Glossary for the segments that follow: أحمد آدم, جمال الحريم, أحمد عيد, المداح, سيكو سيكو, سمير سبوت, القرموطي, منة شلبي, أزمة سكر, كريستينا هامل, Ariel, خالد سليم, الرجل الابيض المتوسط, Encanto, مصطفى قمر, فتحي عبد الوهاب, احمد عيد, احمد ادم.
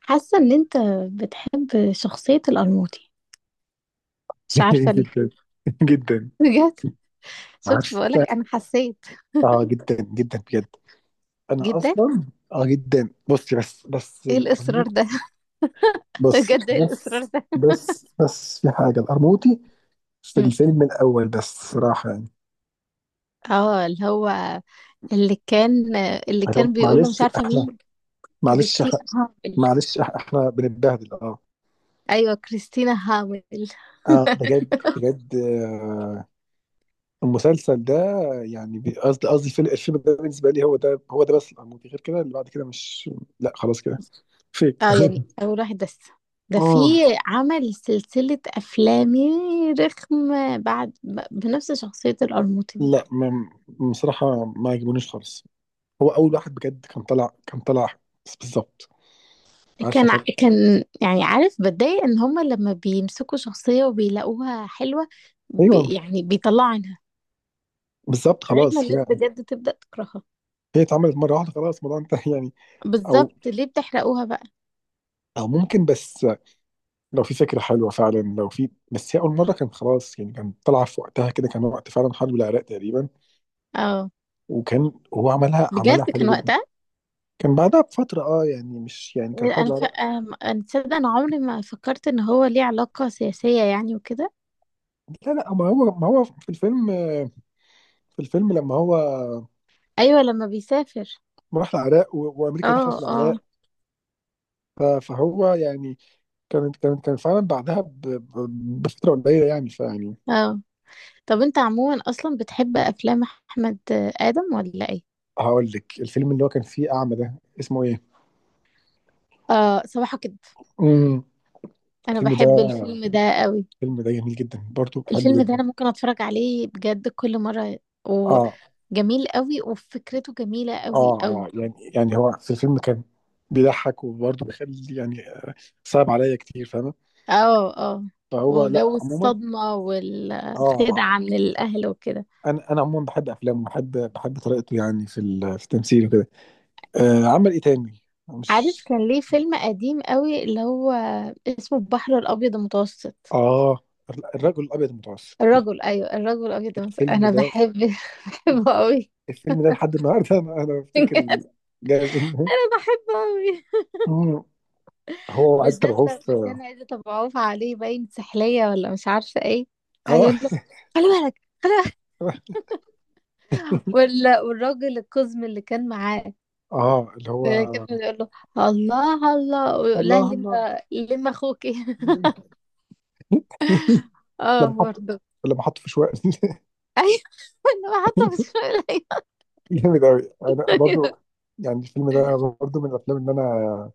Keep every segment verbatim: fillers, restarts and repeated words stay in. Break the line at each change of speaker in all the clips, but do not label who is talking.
حاسة ان انت بتحب شخصية القرموطي، مش عارفة ليه.
جدا جدا.
بجد، شفت؟
عارف.
بقولك انا حسيت
اه جدا جدا بجد. انا
جدا.
اصلا اه جدا. بصي بس بس
ايه الاصرار
القرموطي.
ده؟
بصي
بجد، ايه الاصرار
بس
ده؟
بس بس في حاجه، القرموطي في
مم.
الفيلم الاول بس، صراحه يعني.
اه، اللي هو اللي كان اللي
عشان-
كان بيقوله، مش
معلش
عارفة
احنا،
مين.
معلش
كريستينا
إحنا-
هامل.
معلش إح- احنا بنتبهدل. اه
ايوه، كريستينا هامل.
اه بجد بجد آه. المسلسل ده يعني بي- قصدي قصدي الفيلم الفيلم ده بالنسبه لي هو ده، هو ده بس. القرموطي غير كده، اللي بعد كده مش، لا خلاص كده فيك.
اه، يعني اول واحد بس، ده في،
اه.
عمل سلسلة افلام رخمة بعد ب- بنفس شخصية القرموطي دي.
لا ما بصراحة، ما عجبونيش خالص. هو أول واحد بجد، كان طلع كان طلع بس- بالظبط. عارفة
كان ع-
كان،
كان يعني عارف بتضايق ان هما لما بيمسكوا شخصية وبيلاقوها حلوة ب...
أيوه
يعني بيطلعوا عنها
بالظبط
لغاية ما
خلاص.
الناس
هي
بجد تبدأ تكرهها.
هي اتعملت مرة واحدة، خلاص الموضوع انتهى يعني. أو
بالظبط، ليه بتحرقوها بقى؟
أو ممكن بس، لو في فكرة حلوة فعلا، لو في، بس هي أول مرة كان خلاص يعني. كان طالعة في وقتها كده، كان وقت فعلا حرب العراق تقريبا.
اه،
وكان هو عملها عملها
بجد كان
حلو جدا.
وقتها.
كان بعدها بفترة، اه يعني مش يعني، كان حرب
انا ف...
العراق.
أم- انا تصدق، انا عمري ما فكرت ان هو ليه علاقة سياسية يعني وكده.
لا لا، ما هو ما هو في الفيلم، في الفيلم لما هو
ايوه، لما بيسافر.
راح العراق و- وأمريكا
اه
دخلت
اه
العراق. ف- فهو يعني كان كان كان فعلا بعدها ب- ب- بفتره قليله، يعني فيعني.
اه. طب انت عموما اصلا بتحب افلام احمد ادم ولا ايه؟
هقول لك الفيلم اللي هو كان فيه اعمى ده اسمه ايه؟
اه، صباحك كده.
امم
انا
الفيلم
بحب
ده،
الفيلم ده قوي.
الفيلم ده جميل جدا برضو، بحبه
الفيلم ده
جدا.
انا ممكن اتفرج عليه بجد كل مرة.
اه
وجميل قوي، وفكرته جميلة
اه
قوي
اه،
قوي.
يعني يعني هو في الفيلم كان بيضحك وبرضه بيخلي يعني آه، صعب عليا كتير، فاهمه.
اه اه.
فهو
وجو
لا عموما
الصدمة
اه.
والخدعة من الاهل وكده.
انا انا عموما بحب افلامه، بحب بحب طريقته يعني في ال- في التمثيل وكده. آه، عمل ايه تاني؟
عارف
مش،
كان ليه فيلم قديم قوي اللي هو اسمه البحر الابيض المتوسط.
اه الرجل الابيض المتوسط.
الرجل، ايوه الرجل الابيض المتوسط،
الفيلم
انا
ده،
بحب، بحبه قوي.
الفيلم ده لحد النهارده، انا انا بفتكر ال- جاي منه.
انا بحبه قوي.
مم. هو وعد
بالذات
تبعوه في.
لما كان عايزة ابقى عوف عليه، باين سحلية ولا مش عارفة ايه. عايز
اه
اقول له خلي بالك، خلي.
اه،
وال- والراجل القزم اللي كان معاه.
آه، اللي
آه، كان
هو
بيقول له الله الله، ويقول لها
الله الله.
لما لما اخوكي. اه،
لما حط،
برضه.
لما حط في شوية.
ايوه، انا حاطه في الشغل.
جامد قوي، انا برضو يعني الفيلم ده، برضو من الافلام اللي انا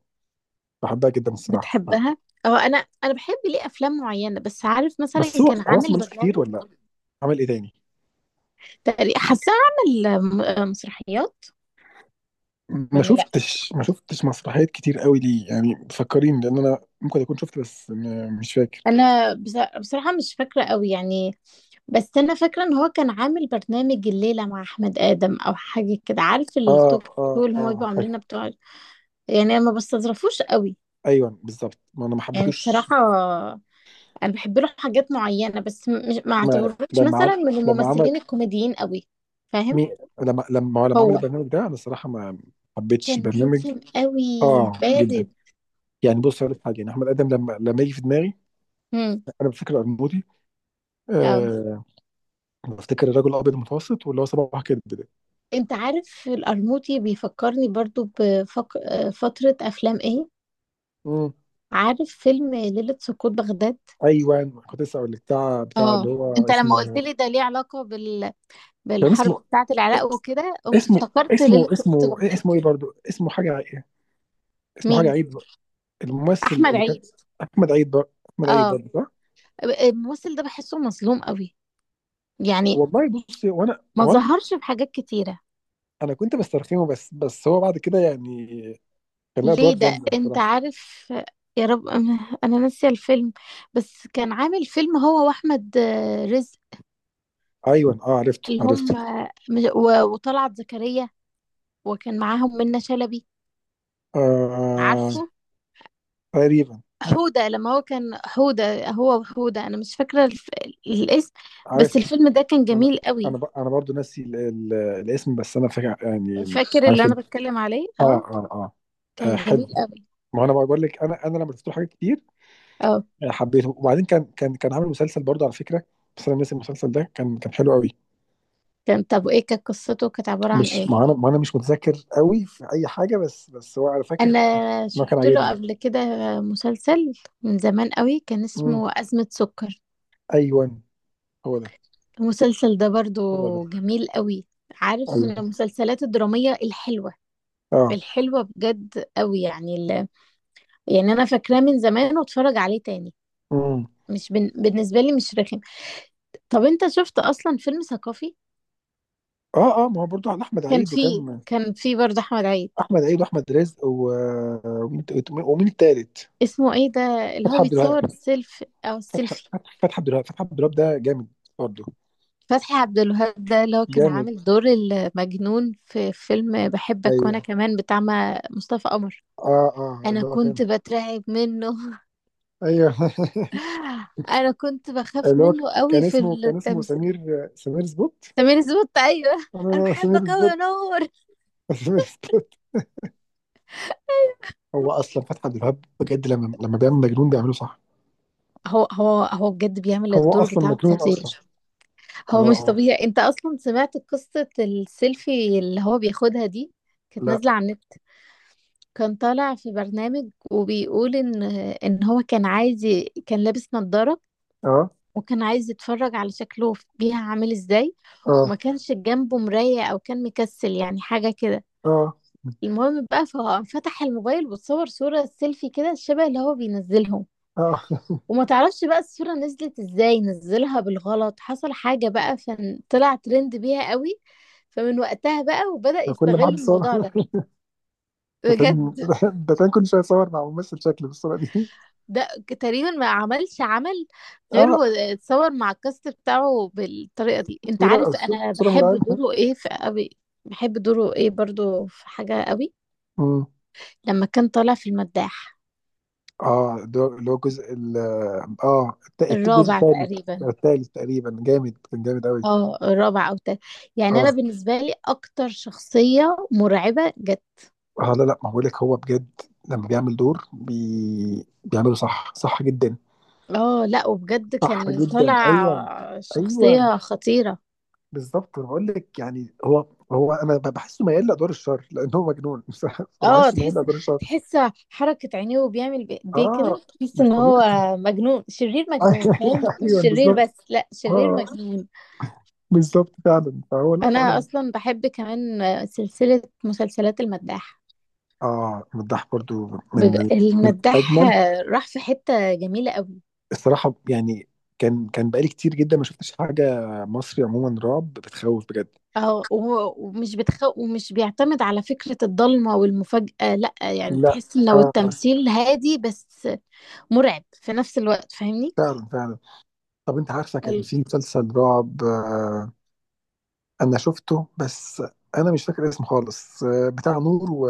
بحبها جدا الصراحه.
بتحبها؟ اه، انا انا بحب ليه افلام معينه، بس عارف مثلا
بس هو
كان
هو اصلا
عامل
ملوش كتير،
برنامج.
ولا عمل ايه تاني؟
تقريبا حاساه عامل م- مسرحيات.
ما
ولا، لا
شفتش، ما شفتش مسرحيات كتير قوي ليه، يعني فكريني، لان انا ممكن اكون شفت، بس م- مش فاكر.
انا بص- بصراحه مش فاكره قوي يعني. بس انا فاكره ان هو كان عامل برنامج الليله مع احمد ادم او حاجه كده، عارف
اه
التوك شو اللي هما
اه
بيبقوا
اه،
عاملينها بتوع، يعني ما بستظرفوش قوي.
ايوه بالظبط، ما انا ما
يعني
حبيتوش.
بصراحة، أنا بحب له حاجات معينة، بس م- مش، ما
ما
اعتبروش
لما
مثلا
عم...
من
لما عمل،
الممثلين الكوميديين قوي، فاهم؟
مي... لما لما هو لما عمل
هو
البرنامج ده، انا الصراحه ما حبيتش
كان
البرنامج.
رخم قوي،
اه جدا.
بارد.
يعني بص، هقول لك حاجه، يعني احمد ادم لما لما يجي في دماغي،
امم
انا بفتكر القرموطي،
اه،
آه، بفتكر الرجل الابيض المتوسط واللي هو صباح كده ده.
انت عارف القرموطي بيفكرني برضو بفترة أفلام ايه.
امم
عارف فيلم ليلة سقوط بغداد؟
ايوه، كنت لسه اقول لك بتاع بتاع اللي
اه.
هو
انت لما قلت
اسمه،
لي ده ليه علاقة بال...
كان
بالحرب
اسمه،
بتاعة العراق وكده، قمت
اسمه،
افتكرت ليلة
اسمه،
سقوط
اسمه إيه،
بغداد.
اسمه ايه برضه، اسمه حاجه، اسمه حاجه
مين؟
عيد. الممثل
أحمد
اللي كان
عيد.
احمد عيد برضه، احمد عيد
اه،
برضه.
الممثل ده بحسه مظلوم قوي يعني.
والله بصي، وانا
ما
هو انا كنت،
ظهرش في حاجات كتيرة.
انا كنت بسترخيه بس، بس هو بعد كده يعني كان لها
ليه
ادوار
ده
جامده
انت
بصراحه.
عارف، يا رب انا، أنا ناسية الفيلم. بس كان عامل فيلم هو واحمد، آه، رزق.
ايوه اه، عرفته
اللي
عرفته.
هم، آه، و- وطلعت زكريا، وكان معاهم منة شلبي،
آه
عارفه؟
تقريبا،
حودة، لما هو كان حودة، هو وحودة، انا مش فاكرة الف... الاسم. بس
عرفته.
الفيلم ده كان
انا
جميل
انا
قوي.
ب- انا برضو ناسي ال- ال- الاسم، بس انا فاكر يعني.
فاكر
عارف
اللي انا
ال-
بتكلم عليه؟
اه
اه.
اه اه. آه،
كان جميل
حلو.
قوي.
ما انا بقول لك، انا انا لما شفت له حاجات كتير،
اه،
آه، حبيته. وبعدين كان كان كان عامل مسلسل برضه على فكره، بس انا ناسي المسلسل ده، كان كان حلو قوي.
كان، طب ايه كانت قصته، كانت عبارة عن
مش،
ايه؟
ما انا ما انا مش متذكر قوي في اي حاجه، بس بس هو انا فاكر
انا
انه كان
شفت له
عاجبني.
قبل كده مسلسل من زمان قوي كان اسمه أزمة سكر.
أيوه، هو ده،
المسلسل ده برضو
هو ده،
جميل قوي، عارف، من
أيوه،
المسلسلات الدرامية الحلوة،
آه،
الحلوة بجد قوي يعني ال... يعني انا فاكراه من زمان واتفرج عليه تاني.
إمم،
مش بن... بالنسبة لي مش رخم. طب انت شفت اصلا فيلم ثقافي؟
آه، آه، ما هو برضه عن أحمد
كان
عيد
فيه
وكان
كان فيه برضو احمد عيد.
أحمد عيد وأحمد رزق و ومين ت ومين التالت؟
اسمه ايه ده اللي هو
فتحي عبد الوهاب،
بيتصور السيلف او
فتحي
السيلفي؟
فتحي فتحي عبد الوهاب، فتحي عبد الوهاب ده جامد برضه،
فتحي عبد الوهاب ده اللي هو كان
جامد،
عامل دور المجنون في فيلم بحبك وانا
أيوه،
كمان بتاع ما- مصطفى قمر.
آه، آه،
انا
اللي هو كان
كنت بترعب منه.
أيوه.
انا كنت بخاف
اللي هو ك
منه قوي
كان
في
اسمه، كان اسمه
التمثيل.
سمير، سمير سبوت؟
سمير سبوت، ايوه. انا
آه، سمير
بحبك قوي
سبوت،
يا نور.
سمير سبوت، هو أصلًا فتحي عبد الوهاب بجد لمّا لمّا بيعمل مجنون بيعمله صح،
هو هو هو بجد بيعمل
هو
الدور
أصلًا
بتاعه
مجنون أصلًا،
خطير.
آه،
هو مش
آه،
طبيعي، انت اصلا سمعت قصة السيلفي اللي هو بياخدها دي؟ كانت
لأ،
نازلة على النت. كان طالع في برنامج وبيقول ان ان هو كان عايز ي- كان لابس نظارة،
آه،
وكان عايز يتفرج على شكله في- بيها عامل ازاي.
آه.
وما كانش جنبه مراية او كان مكسل يعني حاجة كده.
اه
المهم بقى ففتح الموبايل وتصور صورة سيلفي كده شبه اللي هو بينزلهم.
اه.
وما تعرفش بقى الصورة نزلت ازاي، نزلها بالغلط، حصل حاجة بقى فطلع ترند بيها قوي. فمن وقتها بقى وبدأ
كل ما
يستغل
حد صور.
الموضوع ده،
ده كان،
بجد.
ده كان كل شويه صور مع ممثل شكل بالصوره دي.
ده تقريبا ما عملش عمل غير
اه،
واتصور مع الكاست بتاعه بالطريقة دي. انت
صوره،
عارف انا
صوره
بحب
مرعبه.
دوره ايه في قوي؟ بحب دوره ايه برضو في حاجة قوي
مم.
لما كان طالع في المداح،
اه، ده اللي هو الجزء ال- اه الت- الت- الجزء
الرابع
الثالث.
تقريبا.
الثالث تقريبا، جامد كان جامد قوي.
اه، الرابع او تالت، يعني انا
اه
بالنسبة لي اكتر شخصية مرعبة جت.
اه، لا لا، ما بقولك هو بجد لما بيعمل دور بي... بيعمله صح، صح جدا.
اه لا، وبجد
صح
كان
جدا
طالع
ايوه، ايوه
شخصية خطيرة.
بالظبط. انا بقول لك يعني، هو هو انا بحسه ميال لادوار الشر لان هو مجنون.
اه،
فبحسه ميال
تحس
لادوار الشر.
تحس حركة عينيه وبيعمل بايديه
اه
كده، تحس
مش
ان
طبيعي.
هو مجنون شرير، مجنون، فاهم؟ مش
ايوه
شرير
بالظبط.
بس، لا، شرير
اه
مجنون.
بالظبط فعلا، فهو لا
انا
فعلا.
اصلا بحب كمان سلسلة مسلسلات المداح.
اه، مداح برضو
بج-
من من
المداح
اجمل
راح في حتة جميلة قوي.
الصراحه يعني. كان كان بقالي كتير جدا ما شفتش حاجه مصري عموما رعب بتخوف بجد.
اه، و- ومش بتخ... ومش بيعتمد على فكرة الضلمة والمفاجأة، لا يعني
لا
تحس ان لو
اه آه،
التمثيل هادي بس مرعب في نفس الوقت، فاهمني؟
فعلا فعلا. طب انت عارفه كان
ال-
في مسلسل رعب آه. انا شفته بس انا مش فاكر اسمه خالص، آه، بتاع نور و...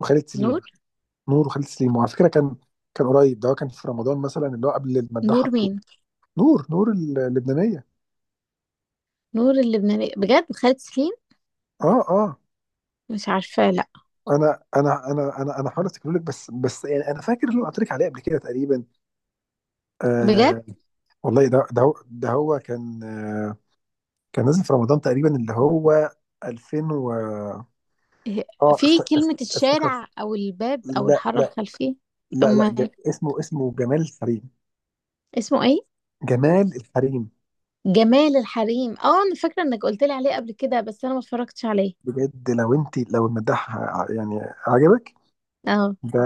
وخالد سليم.
نور
نور وخالد سليم، وعلى فكره كان كان قريب ده، هو كان في رمضان مثلا اللي هو قبل المداح.
نور مين؟
نور، نور ال- اللبنانيه.
نور اللبنانية، بجد، خالد سليم،
اه اه،
مش عارفة، لا.
انا انا انا انا انا حاول افتكر لك، بس بس يعني انا فاكر اللي أنا قلت لك عليه قبل كده تقريبا.
بجد
آه والله ده ده هو ده، هو كان آه كان نازل في رمضان تقريبا اللي هو 2000 و
هي-
اه افت-
في
اف-
كلمة
افتكرت.
الشارع أو الباب أو
لا
الحارة
لا
الخلفية.
لا لا
أما
ج... اسمه، اسمه جمال الحريم.
اسمه إيه؟
جمال الحريم،
جمال الحريم. اه، أنا فاكرة إنك قلت لي عليه قبل كده، بس أنا ما اتفرجتش عليه.
بجد لو انت لو المداح ع- يعني عجبك
اه،
ده،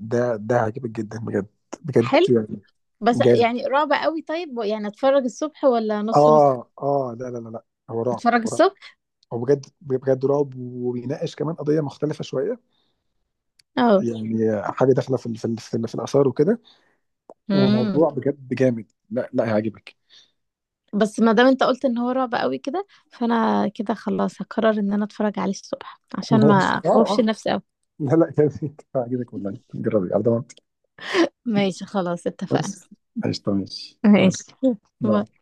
ده ده عجبك جدا بجد، بجد
حلو.
يعني
بس
جامد.
يعني رعب قوي، طيب يعني أتفرج الصبح ولا نص نص؟
اه اه لا لا لا لا، هو رعب،
أتفرج
هو رعب،
الصبح.
هو بجد بجد رعب. وبيناقش كمان قضيه مختلفه شويه،
اه.
يعني حاجه داخله في ال- في ال- في, ال- في الاثار وكده،
امم.
وموضوع بجد جامد، لا لا هيعجبك.
بس ما دام انت قلت ان هو رعب قوي كده، فانا كده خلاص هقرر ان انا اتفرج عليه الصبح عشان ما
اه
اخوفش
اه،
نفسي قوي.
لا لا جامد، هيعجبك والله، جربي على ضمانتي.
ماشي، خلاص اتفقنا.
بس قشطة، ماشي، يلا،
ماشي. باي.
باي.